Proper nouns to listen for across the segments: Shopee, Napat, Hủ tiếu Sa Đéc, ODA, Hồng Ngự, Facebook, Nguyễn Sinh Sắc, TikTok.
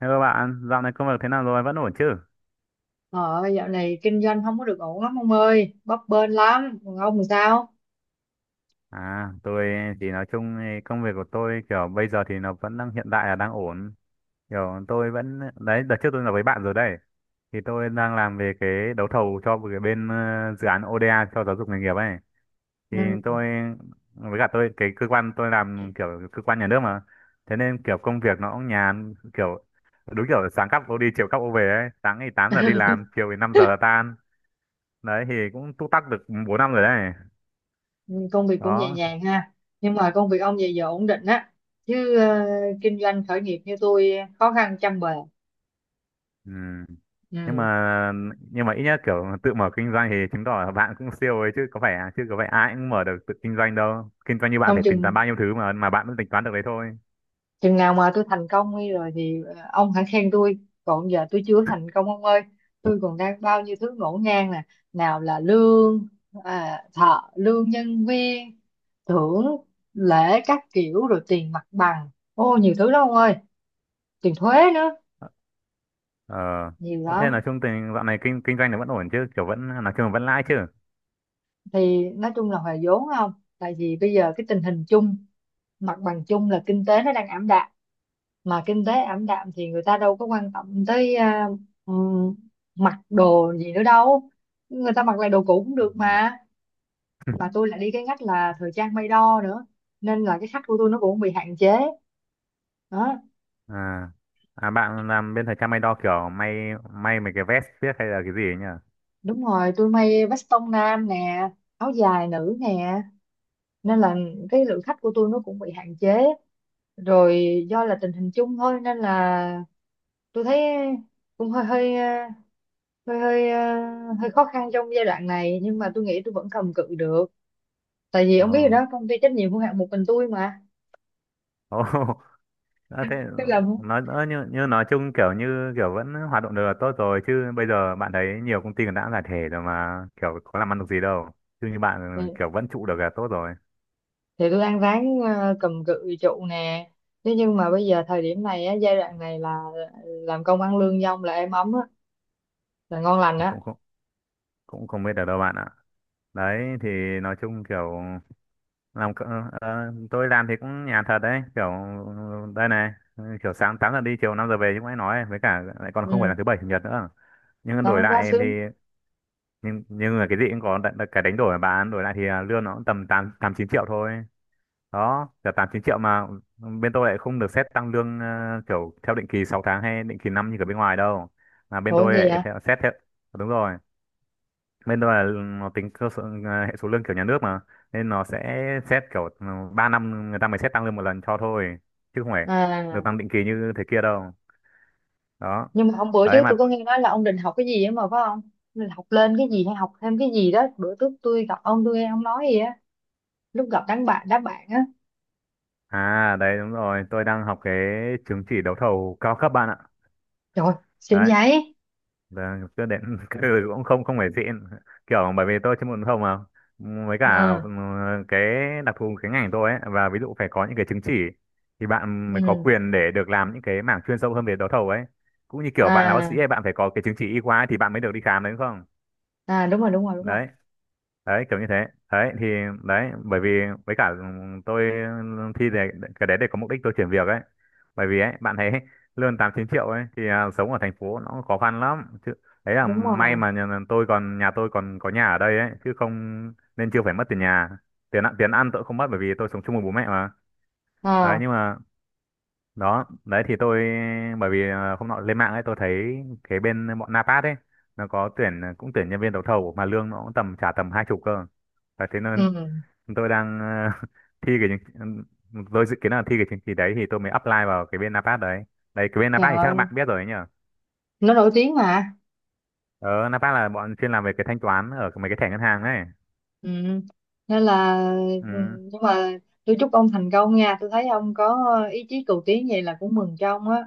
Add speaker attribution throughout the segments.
Speaker 1: Hello bạn, dạo này công việc thế nào rồi? Vẫn ổn chứ?
Speaker 2: Ờ, Dạo này kinh doanh không có được ổn lắm ông ơi, bấp bênh lắm. Còn ông thì sao?
Speaker 1: À, tôi thì nói chung thì công việc của tôi kiểu bây giờ thì nó vẫn đang hiện tại là đang ổn. Kiểu tôi vẫn, đấy, đợt trước tôi nói với bạn rồi đây. Thì tôi đang làm về cái đấu thầu cho một cái bên dự án ODA cho giáo dục nghề nghiệp ấy. Thì
Speaker 2: Ừ,
Speaker 1: tôi, với cả tôi, cái cơ quan tôi làm kiểu cơ quan nhà nước mà. Thế nên kiểu công việc nó cũng nhàn, kiểu đúng kiểu sáng cắp ô đi, chiều cắp ô về ấy. Sáng thì 8 giờ đi làm, chiều thì 5 giờ là tan. Đấy thì cũng túc tắc được 4 năm rồi đấy.
Speaker 2: công việc cũng nhẹ
Speaker 1: Đó.
Speaker 2: nhàng ha. Nhưng mà công việc ông vậy giờ ổn định á. Chứ kinh doanh khởi nghiệp như tôi khó khăn trăm bề.
Speaker 1: Ừ. nhưng
Speaker 2: Ừ.
Speaker 1: mà nhưng mà ít nhất kiểu tự mở kinh doanh thì chứng tỏ là bạn cũng siêu ấy chứ có phải ai cũng mở được tự kinh doanh đâu. Kinh doanh như bạn
Speaker 2: Không
Speaker 1: phải tính toán
Speaker 2: chừng
Speaker 1: bao nhiêu thứ mà bạn vẫn tính toán được đấy thôi.
Speaker 2: chừng nào mà tôi thành công đi rồi thì ông hãy khen tôi. Còn giờ tôi chưa thành công ông ơi. Tôi còn đang bao nhiêu thứ ngổn ngang nè. Nào là lương, thợ, lương nhân viên, thưởng, lễ các kiểu rồi tiền mặt bằng. Ô nhiều thứ lắm ông ơi. Tiền thuế nữa,
Speaker 1: Ờ.
Speaker 2: nhiều
Speaker 1: Ờ, thế là
Speaker 2: lắm.
Speaker 1: chung tình dạo này kinh kinh doanh nó vẫn ổn chứ, kiểu vẫn nói chung là vẫn lãi chứ?
Speaker 2: Thì nói chung là hòa vốn, không tại vì bây giờ cái tình hình chung, mặt bằng chung là kinh tế nó đang ảm đạm. Mà kinh tế ảm đạm thì người ta đâu có quan tâm tới ừm, mặc đồ gì nữa đâu, người ta mặc lại đồ cũ cũng
Speaker 1: Ừ.
Speaker 2: được Mà tôi lại đi cái ngách là thời trang may đo nữa nên là cái khách của tôi nó cũng bị hạn chế đó.
Speaker 1: à à, bạn làm bên thời trang may đo, kiểu may mấy cái vest viết hay là cái gì ấy nhỉ?
Speaker 2: Đúng rồi, tôi may veston nam nè, áo dài nữ nè, nên là cái lượng khách của tôi nó cũng bị hạn chế, rồi do là tình hình chung thôi. Nên là tôi thấy cũng hơi hơi ờ, hơi hơi ờ, hơi khó khăn trong giai đoạn này, nhưng mà tôi nghĩ tôi vẫn cầm cự được. Tại vì
Speaker 1: Ồ.
Speaker 2: ông biết rồi đó, công ty trách nhiệm hữu hạn một mình tôi mà,
Speaker 1: Ồ. Ờ, thế
Speaker 2: tôi làm không.
Speaker 1: nói ờ, như, như nói chung kiểu như kiểu vẫn hoạt động được là tốt rồi chứ, bây giờ bạn thấy nhiều công ty còn đã giải thể rồi mà kiểu có làm ăn được gì đâu. Chứ như
Speaker 2: thì,
Speaker 1: bạn kiểu vẫn trụ được là tốt rồi.
Speaker 2: thì tôi ăn ván, cầm cự trụ nè. Thế nhưng mà bây giờ thời điểm này á, giai đoạn này là làm công ăn lương dong là êm ấm á, là ngon lành
Speaker 1: Thì
Speaker 2: á.
Speaker 1: cũng không biết được đâu bạn ạ. Đấy thì nói chung kiểu tôi làm thì cũng nhàn thật đấy, kiểu đây này. Kiểu sáng 8 giờ đi chiều 5 giờ về như mới nói ấy. Với cả lại còn không phải
Speaker 2: Ừ.
Speaker 1: là thứ bảy chủ nhật nữa. Nhưng đổi
Speaker 2: Đó, quá
Speaker 1: lại thì
Speaker 2: sướng.
Speaker 1: nhưng mà cái gì cũng có cái đánh đổi mà bạn. Đổi lại thì lương nó cũng tầm tám tám chín triệu thôi. Đó, trả 8 9 triệu mà bên tôi lại không được xét tăng lương, kiểu theo định kỳ 6 tháng hay định kỳ năm như ở bên ngoài đâu. Mà bên
Speaker 2: Ủa,
Speaker 1: tôi
Speaker 2: gì
Speaker 1: lại
Speaker 2: hả?
Speaker 1: theo xét theo. Đúng rồi, bên tôi là nó tính cơ sở, hệ số lương kiểu nhà nước mà, nên nó sẽ xét kiểu, 3 năm người ta mới xét tăng lương một lần cho thôi, chứ không phải được
Speaker 2: À,
Speaker 1: tăng định kỳ như thế kia đâu. Đó.
Speaker 2: nhưng mà hôm bữa
Speaker 1: Đấy
Speaker 2: trước tôi
Speaker 1: mà.
Speaker 2: có nghe nói là ông định học cái gì ấy mà, phải không? Ông định học lên cái gì hay học thêm cái gì đó? Bữa trước tôi gặp ông tôi nghe ông nói gì á, lúc gặp đám bạn á.
Speaker 1: À đấy, đúng rồi, tôi đang học cái chứng chỉ đấu thầu cao cấp bạn ạ.
Speaker 2: Trời, xịn
Speaker 1: Đấy.
Speaker 2: vậy.
Speaker 1: Vâng, chưa đến ừ, cũng không không phải xịn, kiểu bởi vì tôi chuyên môn không mà. Với
Speaker 2: Ừ.
Speaker 1: cả cái đặc thù cái ngành tôi ấy, và ví dụ phải có những cái chứng chỉ thì bạn mới có
Speaker 2: Ừ.
Speaker 1: quyền để được làm những cái mảng chuyên sâu hơn về đấu thầu ấy. Cũng như kiểu bạn là bác sĩ
Speaker 2: À.
Speaker 1: ấy, bạn phải có cái chứng chỉ y khoa ấy thì bạn mới được đi khám đấy, đúng không?
Speaker 2: À, đúng rồi, đúng rồi, đúng rồi,
Speaker 1: Đấy. Đấy kiểu như thế. Đấy thì, đấy bởi vì, với cả tôi thi để cái đấy để có mục đích tôi chuyển việc ấy. Bởi vì ấy bạn thấy, lương tám chín triệu ấy thì sống ở thành phố nó khó khăn lắm chứ. Đấy là
Speaker 2: đúng
Speaker 1: may
Speaker 2: rồi.
Speaker 1: mà nhà, tôi còn nhà, tôi còn có nhà ở đây ấy chứ không nên chưa phải mất tiền nhà. Tiền ăn tiền ăn tôi không mất bởi vì tôi sống chung với bố mẹ mà. Đấy
Speaker 2: À.
Speaker 1: nhưng mà, đó đấy thì tôi, bởi vì hôm nọ lên mạng ấy tôi thấy cái bên bọn Napat ấy, nó có tuyển, cũng tuyển nhân viên đấu thầu mà lương nó cũng tầm trả tầm 20 cơ. Đấy, thế nên
Speaker 2: Ừ.
Speaker 1: tôi đang thi cái chứng- tôi dự kiến là thi cái chứng chỉ đấy thì tôi mới apply vào cái bên Napat đấy. Đấy, cái bên
Speaker 2: Trời
Speaker 1: Napat thì chắc
Speaker 2: ơi,
Speaker 1: bạn biết rồi ấy nhở.
Speaker 2: nó nổi tiếng mà.
Speaker 1: Ờ Napat là bọn chuyên làm về cái thanh toán ở mấy cái thẻ ngân hàng ấy.
Speaker 2: Ừ, nên là. Ừ,
Speaker 1: Ừ,
Speaker 2: nhưng mà tôi chúc ông thành công nha, tôi thấy ông có ý chí cầu tiến vậy là cũng mừng cho ông á.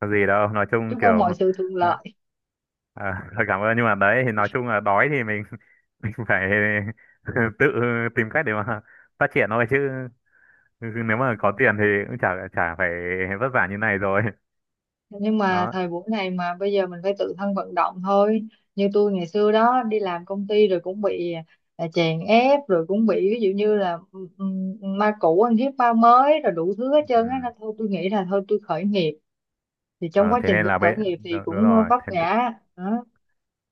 Speaker 1: có gì đâu, nói chung
Speaker 2: Chúc ông
Speaker 1: kiểu
Speaker 2: mọi sự thuận
Speaker 1: ờ,
Speaker 2: lợi.
Speaker 1: cảm ơn, nhưng mà đấy thì nói chung là đói thì mình mình phải tự tìm cách để mà phát triển thôi chứ, nếu mà có tiền thì cũng chả chả phải vất vả như này rồi
Speaker 2: Nhưng mà
Speaker 1: đó.
Speaker 2: thời buổi này mà bây giờ mình phải tự thân vận động thôi. Như tôi ngày xưa đó đi làm công ty rồi cũng bị chèn ép, rồi cũng bị ví dụ như là ma cũ ăn hiếp ma mới rồi đủ thứ hết trơn á,
Speaker 1: Ừ.
Speaker 2: nên thôi tôi nghĩ là thôi tôi khởi nghiệp. Thì trong
Speaker 1: ờ,
Speaker 2: quá
Speaker 1: thế
Speaker 2: trình
Speaker 1: nên
Speaker 2: tôi
Speaker 1: là bây
Speaker 2: khởi nghiệp thì
Speaker 1: Đúng,
Speaker 2: cũng
Speaker 1: rồi
Speaker 2: vấp
Speaker 1: thế.
Speaker 2: ngã đó.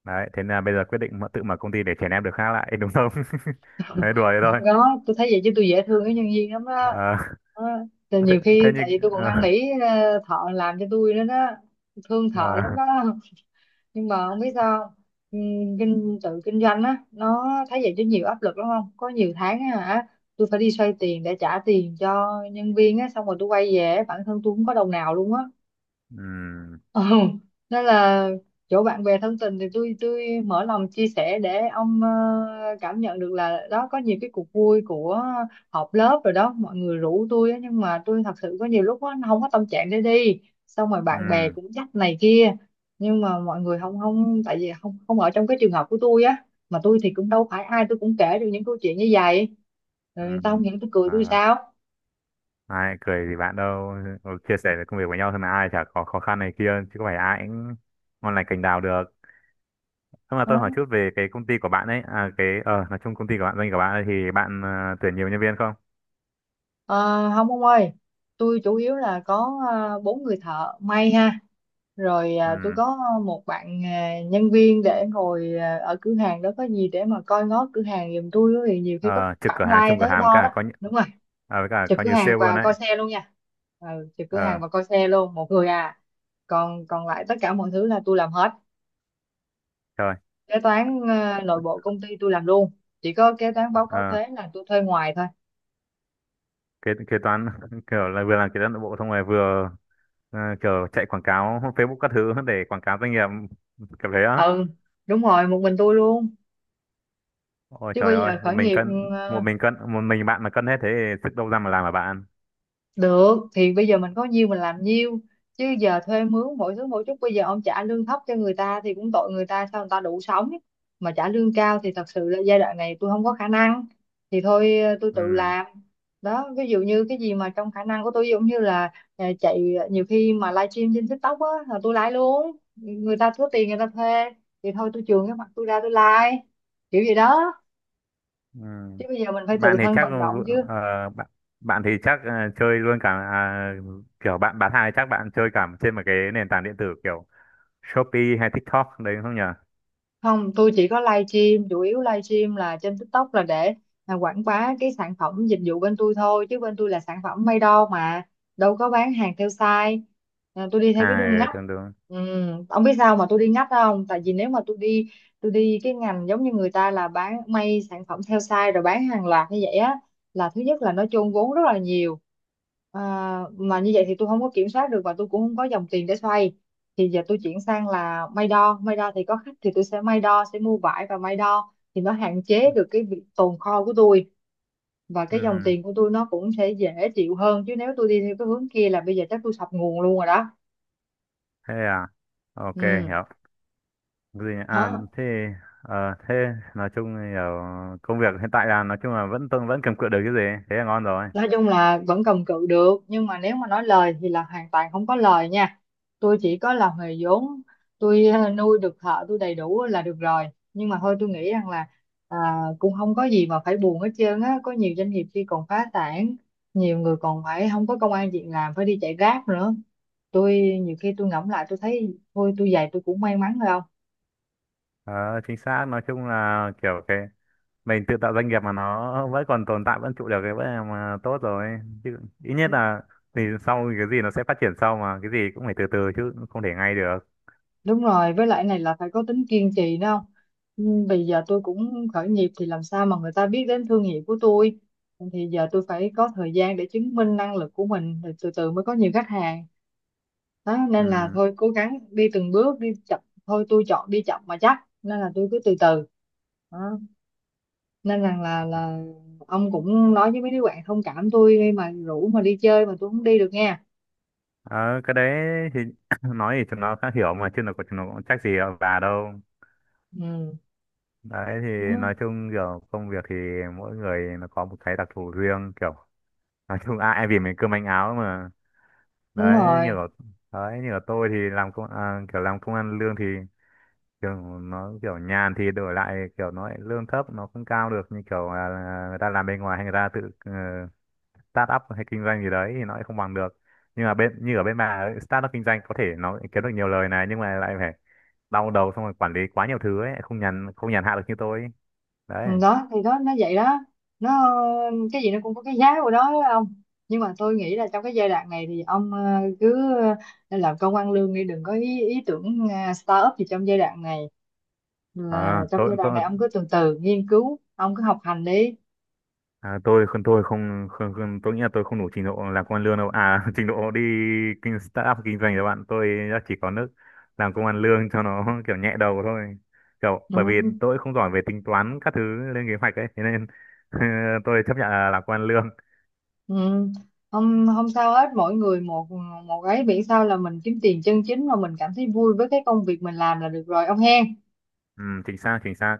Speaker 1: Đấy, thế là bây giờ quyết định tự mở công ty để chèn ép được khác lại đúng không? Đấy, đùa thế
Speaker 2: Không
Speaker 1: thôi.
Speaker 2: có, tôi thấy vậy chứ tôi dễ thương cái nhân viên lắm đó,
Speaker 1: Ờ,
Speaker 2: đó. Thì
Speaker 1: ờ, thế,
Speaker 2: nhiều khi
Speaker 1: thế như
Speaker 2: tại vì tôi còn
Speaker 1: ờ,
Speaker 2: năn nỉ thợ làm cho tôi nữa đó, thương
Speaker 1: ờ,
Speaker 2: thợ lắm đó. Nhưng mà không biết sao không? Tự kinh doanh á, nó thấy vậy chứ nhiều áp lực lắm, không có, nhiều tháng á hả, tôi phải đi xoay tiền để trả tiền cho nhân viên á, xong rồi tôi quay về bản thân tôi không có đồng nào luôn á.
Speaker 1: ừm,
Speaker 2: Ừ. Nên là chỗ bạn bè thân tình thì tôi mở lòng chia sẻ để ông cảm nhận được là đó, có nhiều cái cuộc vui của họp lớp rồi đó, mọi người rủ tôi á, nhưng mà tôi thật sự có nhiều lúc á, không có tâm trạng để đi, xong rồi bạn bè
Speaker 1: ừm,
Speaker 2: cũng dắt này kia. Nhưng mà mọi người không không tại vì không không ở trong cái trường hợp của tôi á, mà tôi thì cũng đâu phải ai tôi cũng kể được những câu chuyện như vậy, rồi người ta
Speaker 1: ừm,
Speaker 2: không, những tôi cười tôi
Speaker 1: ờ,
Speaker 2: sao.
Speaker 1: ai cười gì bạn đâu. Ừ, chia sẻ về công việc với nhau thôi mà, ai chả có khó khăn này kia, chứ có phải ai cũng ngon lành cành đào được. Thôi, mà tôi hỏi chút về cái công ty của bạn ấy, à, cái nói chung công ty của bạn, doanh của bạn ấy, thì bạn tuyển nhiều nhân viên không?
Speaker 2: Ờ, không ông ơi, tôi chủ yếu là có bốn người thợ may ha, rồi tôi
Speaker 1: Ừm.
Speaker 2: có một bạn nhân viên để ngồi ở cửa hàng đó, có gì để mà coi ngó cửa hàng giùm tôi á, thì nhiều khi có
Speaker 1: Ờ,
Speaker 2: khách
Speaker 1: Trực cửa
Speaker 2: vãng
Speaker 1: hàng,
Speaker 2: lai
Speaker 1: trông cửa
Speaker 2: tới
Speaker 1: hàng với
Speaker 2: đo
Speaker 1: cả
Speaker 2: đó.
Speaker 1: coi như,
Speaker 2: Đúng rồi,
Speaker 1: à, với cả
Speaker 2: trực
Speaker 1: coi
Speaker 2: cửa
Speaker 1: như sale
Speaker 2: hàng
Speaker 1: luôn
Speaker 2: và
Speaker 1: đấy.
Speaker 2: coi xe luôn nha. Ừ, trực cửa
Speaker 1: Ờ,
Speaker 2: hàng và coi xe luôn một người à. Còn còn lại tất cả mọi thứ là tôi làm hết,
Speaker 1: trời.
Speaker 2: kế toán nội bộ công ty tôi làm luôn, chỉ có kế toán báo cáo
Speaker 1: Ờ,
Speaker 2: thuế là tôi thuê ngoài thôi.
Speaker 1: kế kế toán kiểu là vừa làm kế toán nội bộ xong rồi vừa kiểu chạy quảng cáo Facebook các thứ để quảng cáo doanh nghiệp kiểu thế á.
Speaker 2: Ừ, đúng rồi, một mình tôi luôn.
Speaker 1: Ôi
Speaker 2: Chứ
Speaker 1: trời
Speaker 2: bây
Speaker 1: ơi,
Speaker 2: giờ
Speaker 1: một
Speaker 2: khởi
Speaker 1: mình
Speaker 2: nghiệp,
Speaker 1: cân một
Speaker 2: ờ,
Speaker 1: mình cân một mình bạn mà cân hết thế thì sức đâu ra mà làm mà bạn.
Speaker 2: được thì bây giờ mình có nhiêu mình làm nhiêu, chứ giờ thuê mướn mỗi thứ mỗi chút, bây giờ ông trả lương thấp cho người ta thì cũng tội người ta, sao người ta đủ sống, mà trả lương cao thì thật sự là giai đoạn này tôi không có khả năng. Thì thôi tôi tự
Speaker 1: Ừ.
Speaker 2: làm đó. Ví dụ như cái gì mà trong khả năng của tôi, ví dụ như là chạy nhiều khi mà livestream trên TikTok á là tôi lái luôn, người ta thiếu tiền người ta thuê thì thôi tôi chường cái mặt tôi ra tôi like kiểu gì đó.
Speaker 1: Ừ.
Speaker 2: Chứ bây giờ mình phải tự
Speaker 1: bạn thì
Speaker 2: thân
Speaker 1: chắc
Speaker 2: vận động chứ.
Speaker 1: bạn bạn thì chắc chơi luôn cả kiểu bạn bán hàng thì chắc bạn chơi cả trên một cái nền tảng điện tử kiểu Shopee hay TikTok đấy đúng không nhỉ?
Speaker 2: Không, tôi chỉ có live stream, chủ yếu live stream là trên TikTok là để quảng bá cái sản phẩm dịch vụ bên tôi thôi, chứ bên tôi là sản phẩm may đo mà, đâu có bán hàng theo size. À, tôi đi theo cái
Speaker 1: À,
Speaker 2: đường
Speaker 1: ừ,
Speaker 2: ngách.
Speaker 1: đúng đúng.
Speaker 2: Ừ, ông biết sao mà tôi đi ngách không? Tại vì nếu mà tôi đi cái ngành giống như người ta là bán may sản phẩm theo size rồi bán hàng loạt như vậy á, là thứ nhất là nó chôn vốn rất là nhiều. à, mà như vậy thì tôi không có kiểm soát được, và tôi cũng không có dòng tiền để xoay. Thì giờ tôi chuyển sang là may đo, may đo thì có khách thì tôi sẽ may đo, sẽ mua vải và may đo thì nó hạn chế được cái việc tồn kho của tôi, và cái dòng
Speaker 1: Ừ.
Speaker 2: tiền của tôi nó cũng sẽ dễ chịu hơn. Chứ nếu tôi đi theo cái hướng kia là bây giờ chắc tôi sập nguồn luôn rồi đó.
Speaker 1: Thế à. Ok,
Speaker 2: Ừ,
Speaker 1: hiểu. Gì nhỉ? À
Speaker 2: đó.
Speaker 1: thế, thế nói chung thì ở công việc hiện tại là nói chung là vẫn tôi vẫn cầm cự được cái gì, thế là ngon rồi.
Speaker 2: Nói chung là vẫn cầm cự được, nhưng mà nếu mà nói lời thì là hoàn toàn không có lời nha. Tôi chỉ có làm nghề vốn, tôi nuôi được thợ tôi đầy đủ là được rồi. Nhưng mà thôi tôi nghĩ rằng là à, cũng không có gì mà phải buồn hết trơn á, có nhiều doanh nghiệp khi còn phá sản, nhiều người còn phải không có công ăn việc làm phải đi chạy Grab nữa. Tôi nhiều khi tôi ngẫm lại tôi thấy thôi, tôi về tôi cũng may mắn rồi.
Speaker 1: Ờ, chính xác, nói chung là kiểu cái mình tự tạo doanh nghiệp mà nó vẫn còn tồn tại, vẫn trụ được cái vẫn là mà tốt rồi chứ, ít nhất
Speaker 2: Không.
Speaker 1: là thì sau thì cái gì nó sẽ phát triển sau, mà cái gì cũng phải từ từ chứ không thể ngay được.
Speaker 2: Đúng rồi, với lại này là phải có tính kiên trì đó, không? Ừ, vì giờ tôi cũng khởi nghiệp thì làm sao mà người ta biết đến thương hiệu của tôi. Thì giờ tôi phải có thời gian để chứng minh năng lực của mình rồi từ từ mới có nhiều khách hàng. Đó, nên là
Speaker 1: Ừ.
Speaker 2: thôi cố gắng đi từng bước, đi chậm thôi, tôi chọn đi chậm mà chắc, nên là tôi cứ từ từ. Đó. Nên rằng là ông cũng nói với mấy đứa bạn thông cảm tôi đi, mà rủ mà đi chơi mà tôi không đi được nha.
Speaker 1: Ờ, cái đấy thì nói thì chúng nó khá hiểu mà, chứ chúng nó cũng trách gì ở bà đâu.
Speaker 2: Ừ.
Speaker 1: Đấy thì
Speaker 2: Đó.
Speaker 1: nói chung kiểu công việc thì mỗi người nó có một cái đặc thù riêng, kiểu nói chung ai, ai vì mình cơm manh áo mà.
Speaker 2: Đúng
Speaker 1: Đấy như
Speaker 2: rồi.
Speaker 1: là, đấy như là tôi thì làm công kiểu làm công ăn lương thì kiểu nó kiểu nhàn thì đổi lại kiểu nó lại lương thấp, nó không cao được như kiểu là người ta làm bên ngoài, hay người ta tự start up hay kinh doanh gì đấy thì nó lại không bằng được. Nhưng mà bên như ở bên bà ấy, start up kinh doanh có thể nó kiếm được nhiều lời này, nhưng mà lại phải đau đầu xong rồi quản lý quá nhiều thứ ấy, không nhàn hạ được như tôi ấy.
Speaker 2: Ừ,
Speaker 1: Đấy.
Speaker 2: đó thì đó nó vậy đó, nó, cái gì nó cũng có cái giá của nó đó ông. Nhưng mà tôi nghĩ là trong cái giai đoạn này thì ông cứ làm công ăn lương đi, đừng có ý tưởng start up gì trong giai đoạn này.
Speaker 1: Ờ,
Speaker 2: Là trong giai đoạn
Speaker 1: tôi
Speaker 2: này ông cứ từ từ nghiên cứu, ông cứ học hành đi.
Speaker 1: À, tôi không, không không tôi nghĩ là tôi không đủ trình độ làm công ăn lương đâu à trình độ đi startup kinh doanh các bạn tôi đã chỉ có nước làm công ăn lương cho nó kiểu nhẹ đầu thôi, kiểu bởi vì
Speaker 2: Ừ.
Speaker 1: tôi không giỏi về tính toán các thứ, lên kế hoạch ấy, thế nên tôi chấp nhận là làm công ăn lương.
Speaker 2: Ừ. không không sao hết, mỗi người một một ấy, miễn sao là mình kiếm tiền chân chính mà mình cảm thấy vui với cái công việc mình làm là được rồi ông hen.
Speaker 1: Ừ, chính xác chính xác.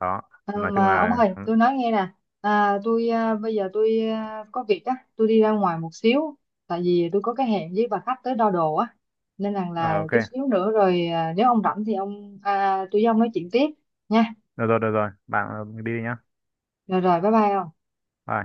Speaker 1: Đó,
Speaker 2: Ờ,
Speaker 1: nói chung
Speaker 2: mà ông
Speaker 1: là
Speaker 2: ơi, tôi nói nghe nè, tôi, bây giờ tôi có việc á, tôi đi ra ngoài một xíu, tại vì tôi có cái hẹn với bà khách tới đo đồ á, nên rằng
Speaker 1: ờ,
Speaker 2: là
Speaker 1: ok.
Speaker 2: chút xíu nữa rồi nếu ông rảnh thì ông, tôi với ông nói chuyện tiếp nha.
Speaker 1: Được rồi, được rồi, bạn đi đi nhá.
Speaker 2: Rồi rồi, bye bye ông.
Speaker 1: Bye.